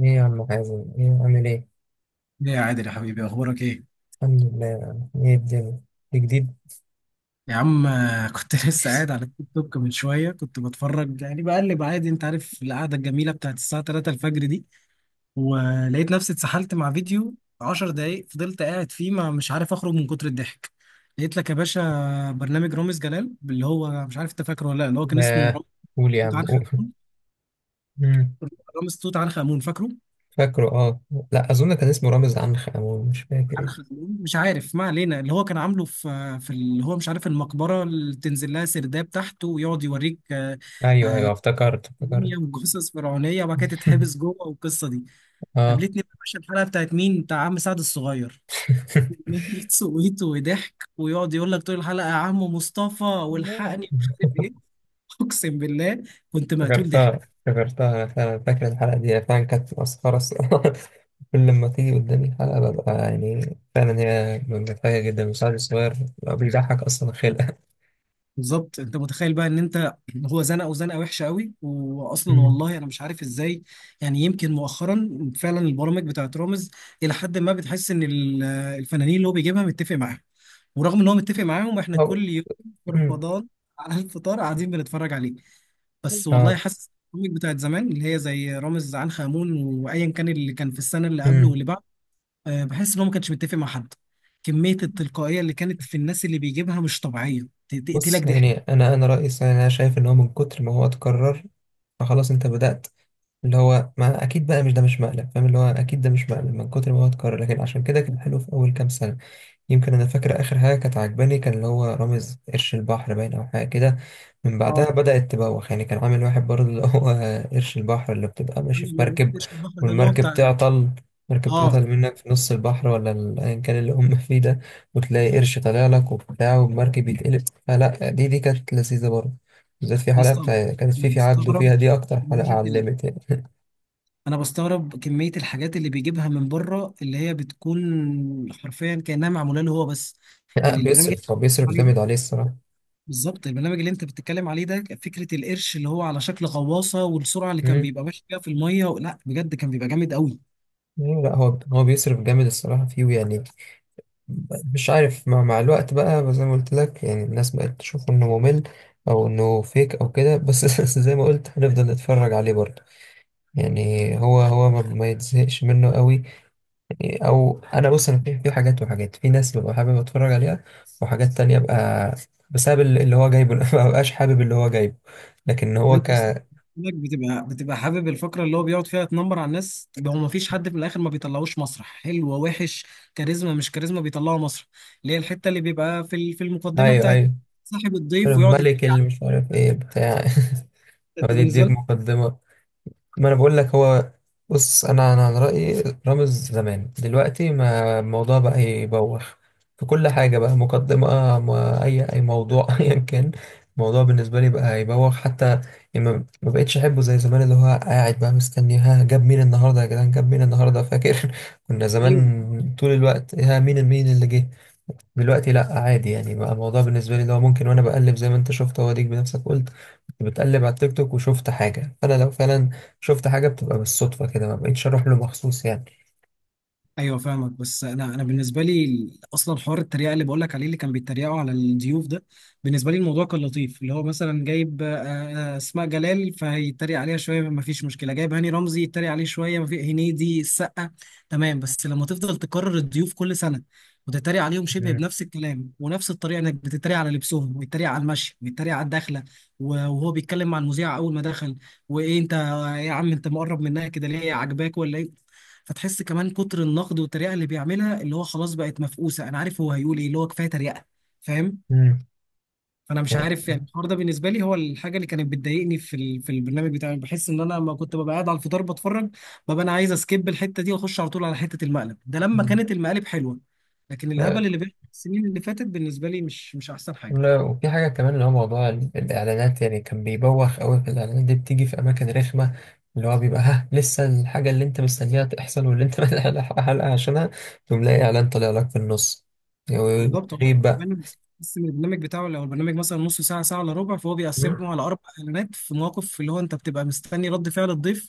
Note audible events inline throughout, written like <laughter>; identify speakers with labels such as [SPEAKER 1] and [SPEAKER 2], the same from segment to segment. [SPEAKER 1] ايه يا عم حازم، ايه عامل ايه؟
[SPEAKER 2] ايه يا عادل يا حبيبي، اخبارك ايه
[SPEAKER 1] الحمد لله يا عم. ايه الدنيا؟ إيه جديد؟
[SPEAKER 2] يا عم؟ كنت <laughs> لسه قاعد على التيك توك من شويه، كنت بتفرج يعني بقلب عادي، انت عارف القعده الجميله بتاعت الساعه 3 الفجر دي، ولقيت نفسي اتسحلت مع فيديو 10 دقايق، فضلت قاعد فيه ما مش عارف اخرج من كتر الضحك. لقيت لك يا باشا برنامج رامز جلال، اللي هو مش عارف انت فاكره ولا لا، اللي هو كان اسمه
[SPEAKER 1] آه،
[SPEAKER 2] رامز
[SPEAKER 1] قول يا
[SPEAKER 2] توت
[SPEAKER 1] عم
[SPEAKER 2] عنخ
[SPEAKER 1] قول.
[SPEAKER 2] امون.
[SPEAKER 1] مم.
[SPEAKER 2] رامز توت عنخ امون، فاكره؟
[SPEAKER 1] فاكره، اه. لا اظن كان اسمه رامز عنخ امون، مش فاكر ايه.
[SPEAKER 2] عنخ امون، مش عارف، ما علينا. اللي هو كان عامله في اللي هو مش عارف المقبره، اللي تنزل لها سرداب تحت ويقعد يوريك
[SPEAKER 1] ايوه ايوه افتكرت افتكرت.
[SPEAKER 2] موميا وجثث فرعونيه، وبعد كده تتحبس
[SPEAKER 1] <laughs>
[SPEAKER 2] جوه والقصه دي.
[SPEAKER 1] اه.
[SPEAKER 2] قابلتني بقى يا باشا الحلقه بتاعت مين؟ بتاع عم سعد الصغير.
[SPEAKER 1] <laughs>
[SPEAKER 2] كمية سويت وضحك، ويقعد يقول لك طول الحلقه: يا عم مصطفى والحقني، مش عارف ايه. <laughs> اقسم بالله كنت مقتول ضحك.
[SPEAKER 1] افتكرتها افتكرتها، انا فعلا فاكر الحلقه دي، هي فعلا كانت مسخره الصراحة. <laughs> كل لما تيجي قدامي الحلقه ببقى يعني فعلا هي مضحكه جدا. المساعد الصغير بيبقى بيضحك اصلا خلقه.
[SPEAKER 2] بالظبط، انت متخيل بقى ان انت، هو زنقه وزنقه وحشه قوي، واصلا
[SPEAKER 1] مم.
[SPEAKER 2] والله انا مش عارف ازاي. يعني يمكن مؤخرا فعلا البرامج بتاعت رامز الى حد ما بتحس ان الفنانين اللي هو بيجيبها متفق معاهم، ورغم ان هو متفق معاهم احنا
[SPEAKER 1] <laughs> أو-
[SPEAKER 2] كل يوم في
[SPEAKER 1] مم.
[SPEAKER 2] رمضان على الفطار قاعدين بنتفرج عليه. بس والله
[SPEAKER 1] اه.
[SPEAKER 2] حاسس البرامج بتاعت زمان اللي هي زي رامز عنخ آمون وايا كان اللي كان في السنه اللي قبله
[SPEAKER 1] مم.
[SPEAKER 2] واللي بعده، بحس ان هو ما كانش متفق مع حد. كميه التلقائيه اللي كانت في الناس اللي بيجيبها مش طبيعيه، تقتلك
[SPEAKER 1] بص
[SPEAKER 2] ضحك.
[SPEAKER 1] يعني انا رأيي الصراحة، انا شايف ان هو من كتر ما هو اتكرر فخلاص انت بدأت. اللي هو ما اكيد بقى مش ده مش مقلب، فاهم، اللي هو اكيد ده مش مقلب من كتر ما هو اتكرر، لكن عشان كده كان حلو في اول كام سنة. يمكن انا فاكر اخر حاجه كانت عجباني كان اللي هو رامز قرش البحر باين او حاجه كده، من بعدها
[SPEAKER 2] اه،
[SPEAKER 1] بدات تبوخ. يعني كان عامل واحد برضه اللي هو <laughs> قرش البحر اللي بتبقى
[SPEAKER 2] انا
[SPEAKER 1] ماشي في
[SPEAKER 2] اللي
[SPEAKER 1] مركب،
[SPEAKER 2] وريتش البحر ده اللي هو
[SPEAKER 1] والمركب
[SPEAKER 2] بتاع
[SPEAKER 1] تعطل. مركب
[SPEAKER 2] اه
[SPEAKER 1] تعطل منك في نص البحر، ولا ايا كان اللي هم فيه ده، وتلاقي قرش طالع لك وبتاع والمركب يتقلب، فلا دي كانت لذيذه برضه. بالذات في
[SPEAKER 2] يا
[SPEAKER 1] حلقه
[SPEAKER 2] اسطى.
[SPEAKER 1] بتاع يعني كانت في
[SPEAKER 2] انا
[SPEAKER 1] في عبده
[SPEAKER 2] بستغرب
[SPEAKER 1] فيها، دي اكتر حلقه
[SPEAKER 2] كمية
[SPEAKER 1] علمت يعني.
[SPEAKER 2] انا بستغرب كمية الحاجات اللي بيجيبها من بره، اللي هي بتكون حرفيا كأنها معمولة له هو بس.
[SPEAKER 1] لا
[SPEAKER 2] يعني البرنامج اللي أنت
[SPEAKER 1] بيصرف، هو
[SPEAKER 2] بتتكلم
[SPEAKER 1] بيصرف
[SPEAKER 2] عليه
[SPEAKER 1] جامد
[SPEAKER 2] ده،
[SPEAKER 1] عليه الصراحه.
[SPEAKER 2] بالظبط البرنامج اللي انت بتتكلم عليه ده، فكرة القرش اللي هو على شكل غواصة والسرعة اللي كان
[SPEAKER 1] امم.
[SPEAKER 2] بيبقى ماشي بيها في المية، لا بجد كان بيبقى جامد قوي.
[SPEAKER 1] لا لا، هو بيصرف جامد الصراحه فيه يعني. مش عارف مع الوقت بقى، بس زي ما قلت لك يعني الناس بقت تشوف انه ممل او انه فيك او كده. بس <laughs> زي ما قلت هنفضل نتفرج عليه برضه، يعني هو ما يتزهقش منه قوي. او انا بص، انا في حاجات، وحاجات في ناس ببقى حابب اتفرج عليها، وحاجات تانية ببقى بسبب اللي هو جايبه <laughs> ما ببقاش حابب اللي هو جايبه. لكن
[SPEAKER 2] طب
[SPEAKER 1] هو
[SPEAKER 2] انت اصلا،
[SPEAKER 1] ك
[SPEAKER 2] إنك بتبقى حابب الفقره اللي هو بيقعد فيها تنمر على الناس، طب هو ما فيش حد في الاخر ما بيطلعوش مسرح حلو وحش، كاريزما مش كاريزما بيطلعوا مسرح، اللي هي الحته اللي بيبقى في في المقدمه
[SPEAKER 1] ايوه
[SPEAKER 2] بتاعت
[SPEAKER 1] ايوه.
[SPEAKER 2] صاحب الضيف ويقعد
[SPEAKER 1] الملك
[SPEAKER 2] يتريق
[SPEAKER 1] اللي
[SPEAKER 2] عليه.
[SPEAKER 1] مش عارف ايه بتاع. <laughs>
[SPEAKER 2] انت
[SPEAKER 1] يقعد
[SPEAKER 2] بالنسبه
[SPEAKER 1] يديك
[SPEAKER 2] لك،
[SPEAKER 1] مقدمة. ما انا بقول لك هو، بص انا عن رايي رامز زمان، دلوقتي ما الموضوع بقى يبوخ. في كل حاجه بقى مقدمه، ما اي موضوع <laughs> ايا كان. الموضوع بالنسبه لي بقى يبوخ حتى. يعني ما بقتش احبه زي زمان، اللي هو قاعد بقى مستني، ها جاب مين النهارده يا جدعان، جاب مين النهارده؟ فاكر <laughs> كنا
[SPEAKER 2] ايوه،
[SPEAKER 1] زمان طول الوقت ها مين، مين اللي جه. دلوقتي لا، عادي يعني بقى الموضوع بالنسبه لي اللي هو ممكن وانا بقلب، زي ما انت شفت هو ديك بنفسك قلت، كنت بتقلب على التيك توك وشفت حاجه. فانا لو فعلا شفت حاجه بتبقى بالصدفه كده، ما بقيتش اروح له مخصوص يعني.
[SPEAKER 2] ايوه فاهمك. بس انا بالنسبه لي اصلا حوار التريقه اللي بقول لك عليه، اللي كان بيتريقوا على الضيوف ده، بالنسبه لي الموضوع كان لطيف، اللي هو مثلا جايب اسماء جلال فيتريق عليها شويه، ما فيش مشكله، جايب هاني رمزي يتريق عليه شويه، ما في هنيدي، السقا، تمام. بس لما تفضل تكرر الضيوف كل سنه وتتريق عليهم شبه
[SPEAKER 1] مم.
[SPEAKER 2] بنفس الكلام ونفس الطريقه، انك بتتريق على لبسهم، ويتريق على المشي، ويتريق على الدخله وهو بيتكلم مع المذيع اول ما دخل، وايه انت يا عم، انت مقرب منها كده ليه، عاجباك ولا ايه؟ فتحس كمان كتر النقد والتريقه اللي بيعملها، اللي هو خلاص بقت مفقوسه، انا عارف هو هيقول ايه، اللي هو كفايه تريقه، فاهم؟
[SPEAKER 1] امم.
[SPEAKER 2] فانا مش
[SPEAKER 1] يعني.
[SPEAKER 2] عارف يعني الحوار ده بالنسبه لي هو الحاجه اللي كانت بتضايقني في في البرنامج بتاعي. بحس ان انا لما كنت ببقى قاعد على الفطار بتفرج، ببقى انا عايز اسكيب الحته دي واخش على طول على حته المقلب ده، لما
[SPEAKER 1] مم.
[SPEAKER 2] كانت المقالب حلوه. لكن
[SPEAKER 1] طيب،
[SPEAKER 2] الهبل اللي بيحصل السنين اللي فاتت بالنسبه لي مش احسن حاجه.
[SPEAKER 1] لا، وفي حاجة كمان اللي هو موضوع الإعلانات. يعني كان بيبوخ أوي في الإعلانات، دي بتيجي في أماكن رخمة. اللي هو بيبقى ها لسه الحاجة اللي أنت مستنيها تحصل واللي أنت <laughs> ملحق حلقة عشانها، تقوم لاقي إعلان طالع لك في النص.
[SPEAKER 2] بالظبط، هو
[SPEAKER 1] غريب بقى.
[SPEAKER 2] كمان بيقسم البرنامج بتاعه، لو البرنامج مثلا نص ساعه، ساعه الا ربع، فهو بيقسمه على اربع اعلانات في مواقف اللي هو انت بتبقى مستني رد فعل الضيف،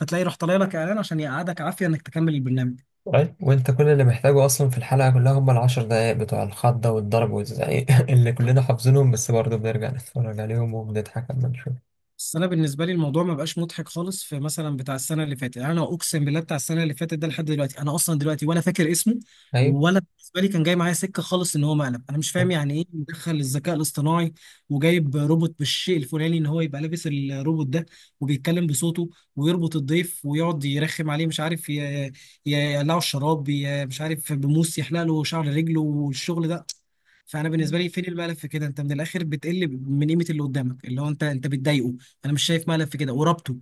[SPEAKER 2] فتلاقي راح طالع لك اعلان عشان يقعدك عافيه انك تكمل البرنامج.
[SPEAKER 1] طيب وانت كل اللي محتاجه اصلا في الحلقه كلها هم ال10 دقايق بتوع الخضه والضرب والزعيق <laughs> اللي كلنا حافظينهم، بس برضه بنرجع نتفرج عليهم وبنضحك لما نشوف.
[SPEAKER 2] بس انا بالنسبه لي الموضوع ما بقاش مضحك خالص، في مثلا بتاع السنه اللي فاتت، يعني انا اقسم بالله بتاع السنه اللي فاتت ده لحد دلوقتي انا اصلا دلوقتي ولا فاكر اسمه،
[SPEAKER 1] ايوه،
[SPEAKER 2] ولا بالنسبه لي كان جاي معايا سكه خالص ان هو مقلب. انا مش فاهم يعني ايه مدخل الذكاء الاصطناعي وجايب روبوت بالشيء الفلاني، ان هو يبقى لابس الروبوت ده وبيتكلم بصوته، ويربط الضيف ويقعد يرخم عليه، مش عارف يقلعه الشراب، مش عارف بموس يحلق له شعر رجله والشغل ده. فانا بالنسبه لي فين الملف في كده؟ انت من الاخر بتقل من قيمه اللي قدامك، اللي هو انت بتضايقه، انا مش شايف ملل في كده وربطه.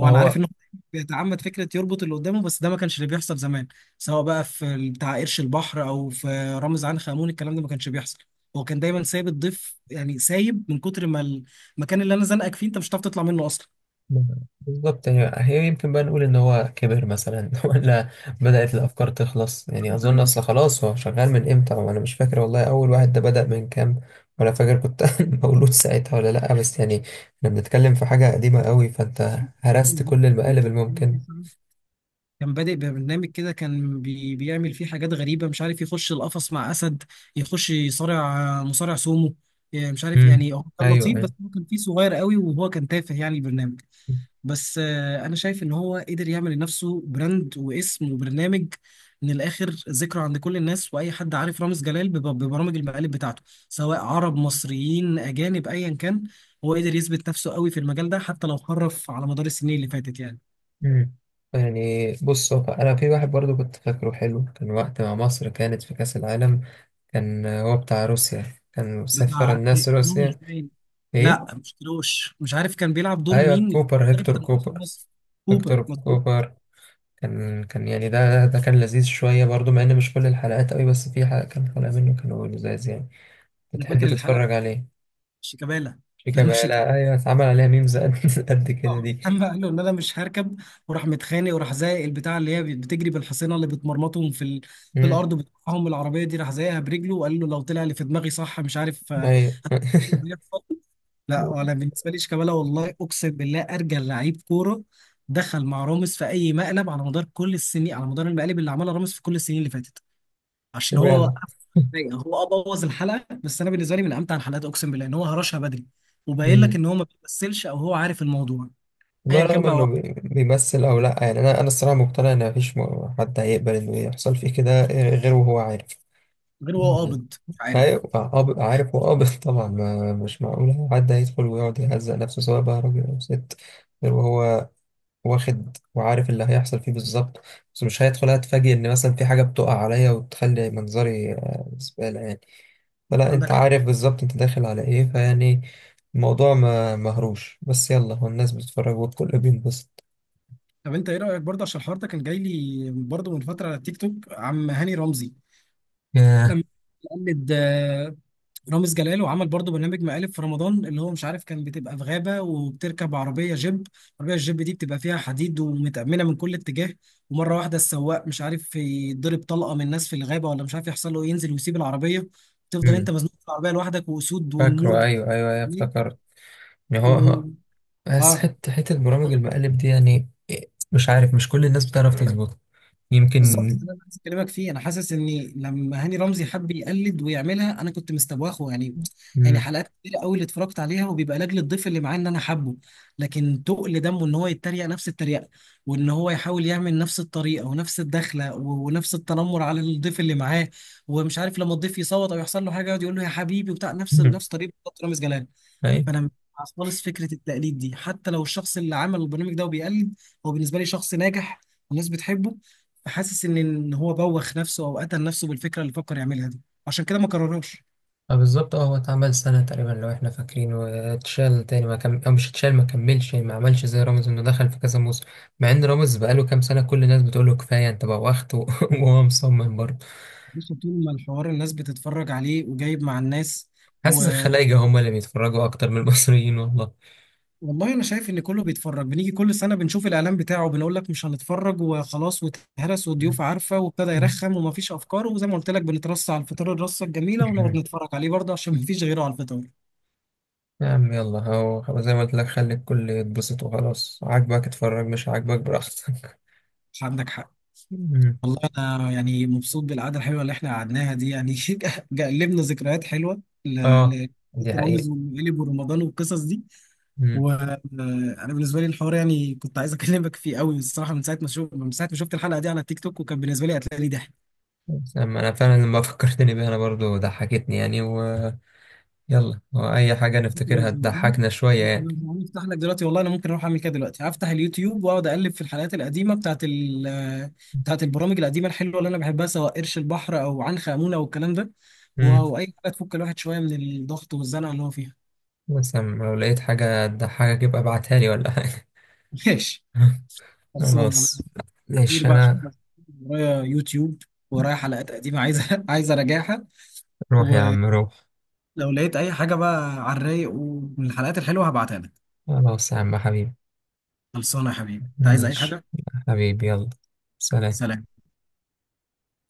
[SPEAKER 1] ما
[SPEAKER 2] انا عارف
[SPEAKER 1] هو
[SPEAKER 2] انه بيتعمد فكره يربط اللي قدامه، بس ده ما كانش اللي بيحصل زمان، سواء بقى في بتاع قرش البحر او في رامز عنخ آمون، الكلام ده ما كانش بيحصل، هو كان دايما سايب الضيف، يعني سايب من كتر ما المكان اللي انا زنقك فيه انت مش هتعرف تطلع منه اصلا.
[SPEAKER 1] بالظبط. يعني هي يمكن بقى نقول ان هو كبر مثلا <laughs> ولا بدأت الافكار تخلص، يعني اظن اصل خلاص هو شغال من امتى وانا مش فاكر والله اول واحد ده بدأ من كام، ولا فاكر كنت <laughs> مولود ساعتها ولا لا. بس يعني احنا بنتكلم في حاجة قديمة قوي، فانت هرست كل المقالب الممكن.
[SPEAKER 2] كان بادئ ببرنامج كده، كان بيعمل فيه حاجات غريبة، مش عارف يخش القفص مع أسد، يخش يصارع مصارع سومو، مش عارف.
[SPEAKER 1] امم.
[SPEAKER 2] يعني هو كان
[SPEAKER 1] ايوه
[SPEAKER 2] لطيف، بس
[SPEAKER 1] ايوه.
[SPEAKER 2] هو كان فيه صغير قوي، وهو كان تافه يعني البرنامج. بس انا شايف ان هو قدر يعمل لنفسه براند واسم وبرنامج، من الاخر ذكرى عند كل الناس، واي حد عارف رامز جلال ببرامج المقالب بتاعته، سواء عرب، مصريين، اجانب، ايا كان. هو قدر يثبت نفسه قوي في المجال ده، حتى لو خرف على مدار السنين اللي فاتت يعني.
[SPEAKER 1] مم. يعني بص، هو انا في واحد برضو كنت فاكره حلو، كان وقت ما مصر كانت في كأس العالم، كان هو بتاع روسيا، كان سفر
[SPEAKER 2] بتاع
[SPEAKER 1] الناس
[SPEAKER 2] كيروش
[SPEAKER 1] روسيا.
[SPEAKER 2] باين.
[SPEAKER 1] ايه.
[SPEAKER 2] لا مش كيروش، مش عارف كان بيلعب دور
[SPEAKER 1] ايوه
[SPEAKER 2] مين،
[SPEAKER 1] كوبر،
[SPEAKER 2] المدرب
[SPEAKER 1] هيكتور
[SPEAKER 2] بتاع منتخب
[SPEAKER 1] كوبر.
[SPEAKER 2] مصر. كوبر،
[SPEAKER 1] هيكتور
[SPEAKER 2] مظبوط.
[SPEAKER 1] كوبر. كان يعني ده كان لذيذ شوية برضو، مع ان مش كل الحلقات قوي، بس في حلقة، كان حلقة منه كانوا لذاذ يعني،
[SPEAKER 2] انا
[SPEAKER 1] بتحب
[SPEAKER 2] فاكر الحلقه،
[SPEAKER 1] تتفرج عليه.
[SPEAKER 2] شيكابالا.
[SPEAKER 1] شيكا
[SPEAKER 2] لما
[SPEAKER 1] بقى، ايوه، اتعمل عليها ميمز قد <laughs> قد كده دي.
[SPEAKER 2] <laughs> لما قال له ان انا مش هركب، وراح متخانق وراح زايق البتاع اللي هي بتجري بالحصينه اللي بتمرمطهم في في
[SPEAKER 1] مم.
[SPEAKER 2] الارض، بتقطعهم العربيه دي، راح زايقها برجله وقال له لو طلع اللي في دماغي صح مش عارف <laughs> ايه اللي
[SPEAKER 1] ايوه.
[SPEAKER 2] بيحصل. لا، ولا
[SPEAKER 1] <laughs>
[SPEAKER 2] بالنسبه لي شيكابالا والله اقسم بالله ارجل لعيب كوره دخل مع راموس في اي مقلب على مدار كل السنين، على مدار المقالب اللي عملها راموس في كل السنين اللي فاتت، عشان هو
[SPEAKER 1] اشمعنى.
[SPEAKER 2] وقف. هو اه بوظ الحلقه، بس انا بالنسبه لي من امتع الحلقات، اقسم بالله ان هو هرشها بدري، وباين لك
[SPEAKER 1] مم.
[SPEAKER 2] ان هو ما بيمثلش او هو عارف الموضوع، ايا
[SPEAKER 1] والله
[SPEAKER 2] كان
[SPEAKER 1] رغم انه
[SPEAKER 2] بقى،
[SPEAKER 1] بيمثل او لا يعني، انا الصراحه مقتنع ان مفيش حد هيقبل انه يحصل فيه كده غير وهو عارف.
[SPEAKER 2] غير هو
[SPEAKER 1] يعني
[SPEAKER 2] قابض، مش عارف.
[SPEAKER 1] هيبقى قابض عارف وقابض، <laughs> طبعا ما مش معقول حد هيدخل ويقعد يهزق نفسه سواء بقى راجل او ست غير وهو واخد وعارف اللي هيحصل فيه بالظبط. بس مش هيدخل هتفاجئ ان مثلا في حاجه بتقع عليا وتخلي منظري زباله يعني. فلا انت
[SPEAKER 2] عندك حق.
[SPEAKER 1] عارف بالظبط انت داخل على ايه فيعني. الموضوع ما مهروش، بس يلا هو الناس بتتفرج والكل بينبسط.
[SPEAKER 2] طب انت ايه رايك برضه، عشان الحوار ده كان جاي لي برضه من فتره على التيك توك، عم هاني رمزي لما قلد رامز جلال وعمل برضه برنامج مقالب في رمضان، اللي هو مش عارف كان بتبقى في غابه وبتركب عربيه جيب، العربيه الجيب دي بتبقى فيها حديد ومتأمنه من كل اتجاه، ومره واحده السواق مش عارف يضرب طلقه من ناس في الغابه، ولا مش عارف يحصل له ينزل ويسيب العربيه، تفضل انت
[SPEAKER 1] امم.
[SPEAKER 2] مزنوق في العربيه لوحدك، واسود والنمور
[SPEAKER 1] فاكره، ايوه ايوه ايوه
[SPEAKER 2] بتحميك
[SPEAKER 1] افتكرت. ما هو.
[SPEAKER 2] و...
[SPEAKER 1] بس
[SPEAKER 2] اه
[SPEAKER 1] حته برامج المقالب دي يعني إيه، مش عارف مش كل الناس بتعرف تظبطها.
[SPEAKER 2] بالظبط،
[SPEAKER 1] يمكن.
[SPEAKER 2] ده اللي انا عايز اكلمك فيه. انا حاسس اني لما هاني رمزي حب يقلد ويعملها انا كنت مستواخه يعني. يعني
[SPEAKER 1] امم.
[SPEAKER 2] حلقات كتير قوي اللي اتفرجت عليها، وبيبقى لاجل الضيف اللي معاه ان انا حبه، لكن تقل دمه ان هو يتريق نفس التريقه، وان هو يحاول يعمل نفس الطريقه ونفس الدخله ونفس التنمر على الضيف اللي معاه، ومش عارف لما الضيف يصوت او يحصل له حاجه يقعد يقول له يا حبيبي وبتاع، نفس
[SPEAKER 1] امم.
[SPEAKER 2] نفس طريقه بالظبط رامز جلال.
[SPEAKER 1] ايوه.
[SPEAKER 2] فانا مش مع خالص فكره التقليد دي، حتى لو الشخص اللي عمل البرنامج ده وبيقلد هو بالنسبه لي شخص ناجح والناس بتحبه، فحاسس ان إن هو بوخ نفسه او قتل نفسه بالفكره اللي فكر يعملها دي، عشان كده ما كررهاش.
[SPEAKER 1] آه، بالظبط. اه هو اتعمل سنه تقريبا لو احنا فاكرين واتشال تاني ما او مش اتشال، ما كملش يعني، ما عملش زي رامز انه دخل في كذا موسم. مع ان رامز بقاله كام سنه، كل الناس بتقول له كفايه انت بوخت <laughs> وهو مصمم برضه.
[SPEAKER 2] بص، طول ما الحوار الناس بتتفرج عليه وجايب مع الناس و...
[SPEAKER 1] حاسس الخلايجه هم اللي بيتفرجوا اكتر من المصريين والله.
[SPEAKER 2] والله انا شايف ان كله بيتفرج، بنيجي كل سنه بنشوف الاعلان بتاعه، بنقول لك مش هنتفرج وخلاص، واتهرس والضيوف عارفه، وابتدى يرخم ومفيش افكار، وزي ما قلت لك بنترص على الفطار الرصه الجميله، ونقعد
[SPEAKER 1] <laughs>
[SPEAKER 2] نتفرج عليه برضه عشان مفيش غيره على الفطار.
[SPEAKER 1] يا عم يلا، هو زي ما قلت لك، خلي الكل يتبسط وخلاص، عاجبك اتفرج، مش عاجبك براحتك.
[SPEAKER 2] عندك حق.
[SPEAKER 1] أمم.
[SPEAKER 2] والله انا يعني مبسوط بالقعده الحلوه اللي احنا قعدناها دي يعني، <laughs> جلبنا ذكريات حلوه
[SPEAKER 1] اه
[SPEAKER 2] ل-
[SPEAKER 1] دي حقيقة.
[SPEAKER 2] رامز والمقلب ورمضان والقصص دي.
[SPEAKER 1] أمم.
[SPEAKER 2] وانا بالنسبه لي الحوار يعني كنت عايز اكلمك فيه قوي الصراحه، من ساعه ما شفت الحلقه دي على التيك توك، وكان بالنسبه لي قتلي ضحك.
[SPEAKER 1] بس أما انا فعلا لما فكرتني بيها انا برضو ضحكتني يعني. ويلا هو اي حاجة
[SPEAKER 2] انت لو
[SPEAKER 1] نفتكرها
[SPEAKER 2] زهقان
[SPEAKER 1] تضحكنا شوية
[SPEAKER 2] انت لو
[SPEAKER 1] يعني.
[SPEAKER 2] زهقان افتح لك دلوقتي. والله انا ممكن اروح اعمل كده دلوقتي، هفتح اليوتيوب واقعد اقلب في الحلقات القديمه بتاعت البرامج القديمه الحلوه اللي انا بحبها، سواء قرش البحر او عنخ امونه والكلام ده.
[SPEAKER 1] أمم.
[SPEAKER 2] واو اي حاجه تفك الواحد شويه من الضغط والزنقه اللي هو فيها.
[SPEAKER 1] بس أما لو لقيت حاجة تضحكك يبقى ابعتها لي ولا حاجة.
[SPEAKER 2] <laughs> ماشي،
[SPEAKER 1] <laughs>
[SPEAKER 2] خلصان
[SPEAKER 1] خلاص.
[SPEAKER 2] انا كتير
[SPEAKER 1] ماشي
[SPEAKER 2] بقى، عشان
[SPEAKER 1] انا.
[SPEAKER 2] بس ورايا يوتيوب، ورايا حلقات قديمه عايزه <laughs> اراجعها.
[SPEAKER 1] روح يا
[SPEAKER 2] ولو
[SPEAKER 1] عم روح.
[SPEAKER 2] لقيت اي حاجه بقى على الرايق ومن الحلقات الحلوه هبعتها لك.
[SPEAKER 1] خلاص يا عم حبيبي.
[SPEAKER 2] خلصانه يا حبيبي، انت عايز اي
[SPEAKER 1] ماشي.
[SPEAKER 2] حاجه؟
[SPEAKER 1] حبيبي يلا. سلام.
[SPEAKER 2] سلام.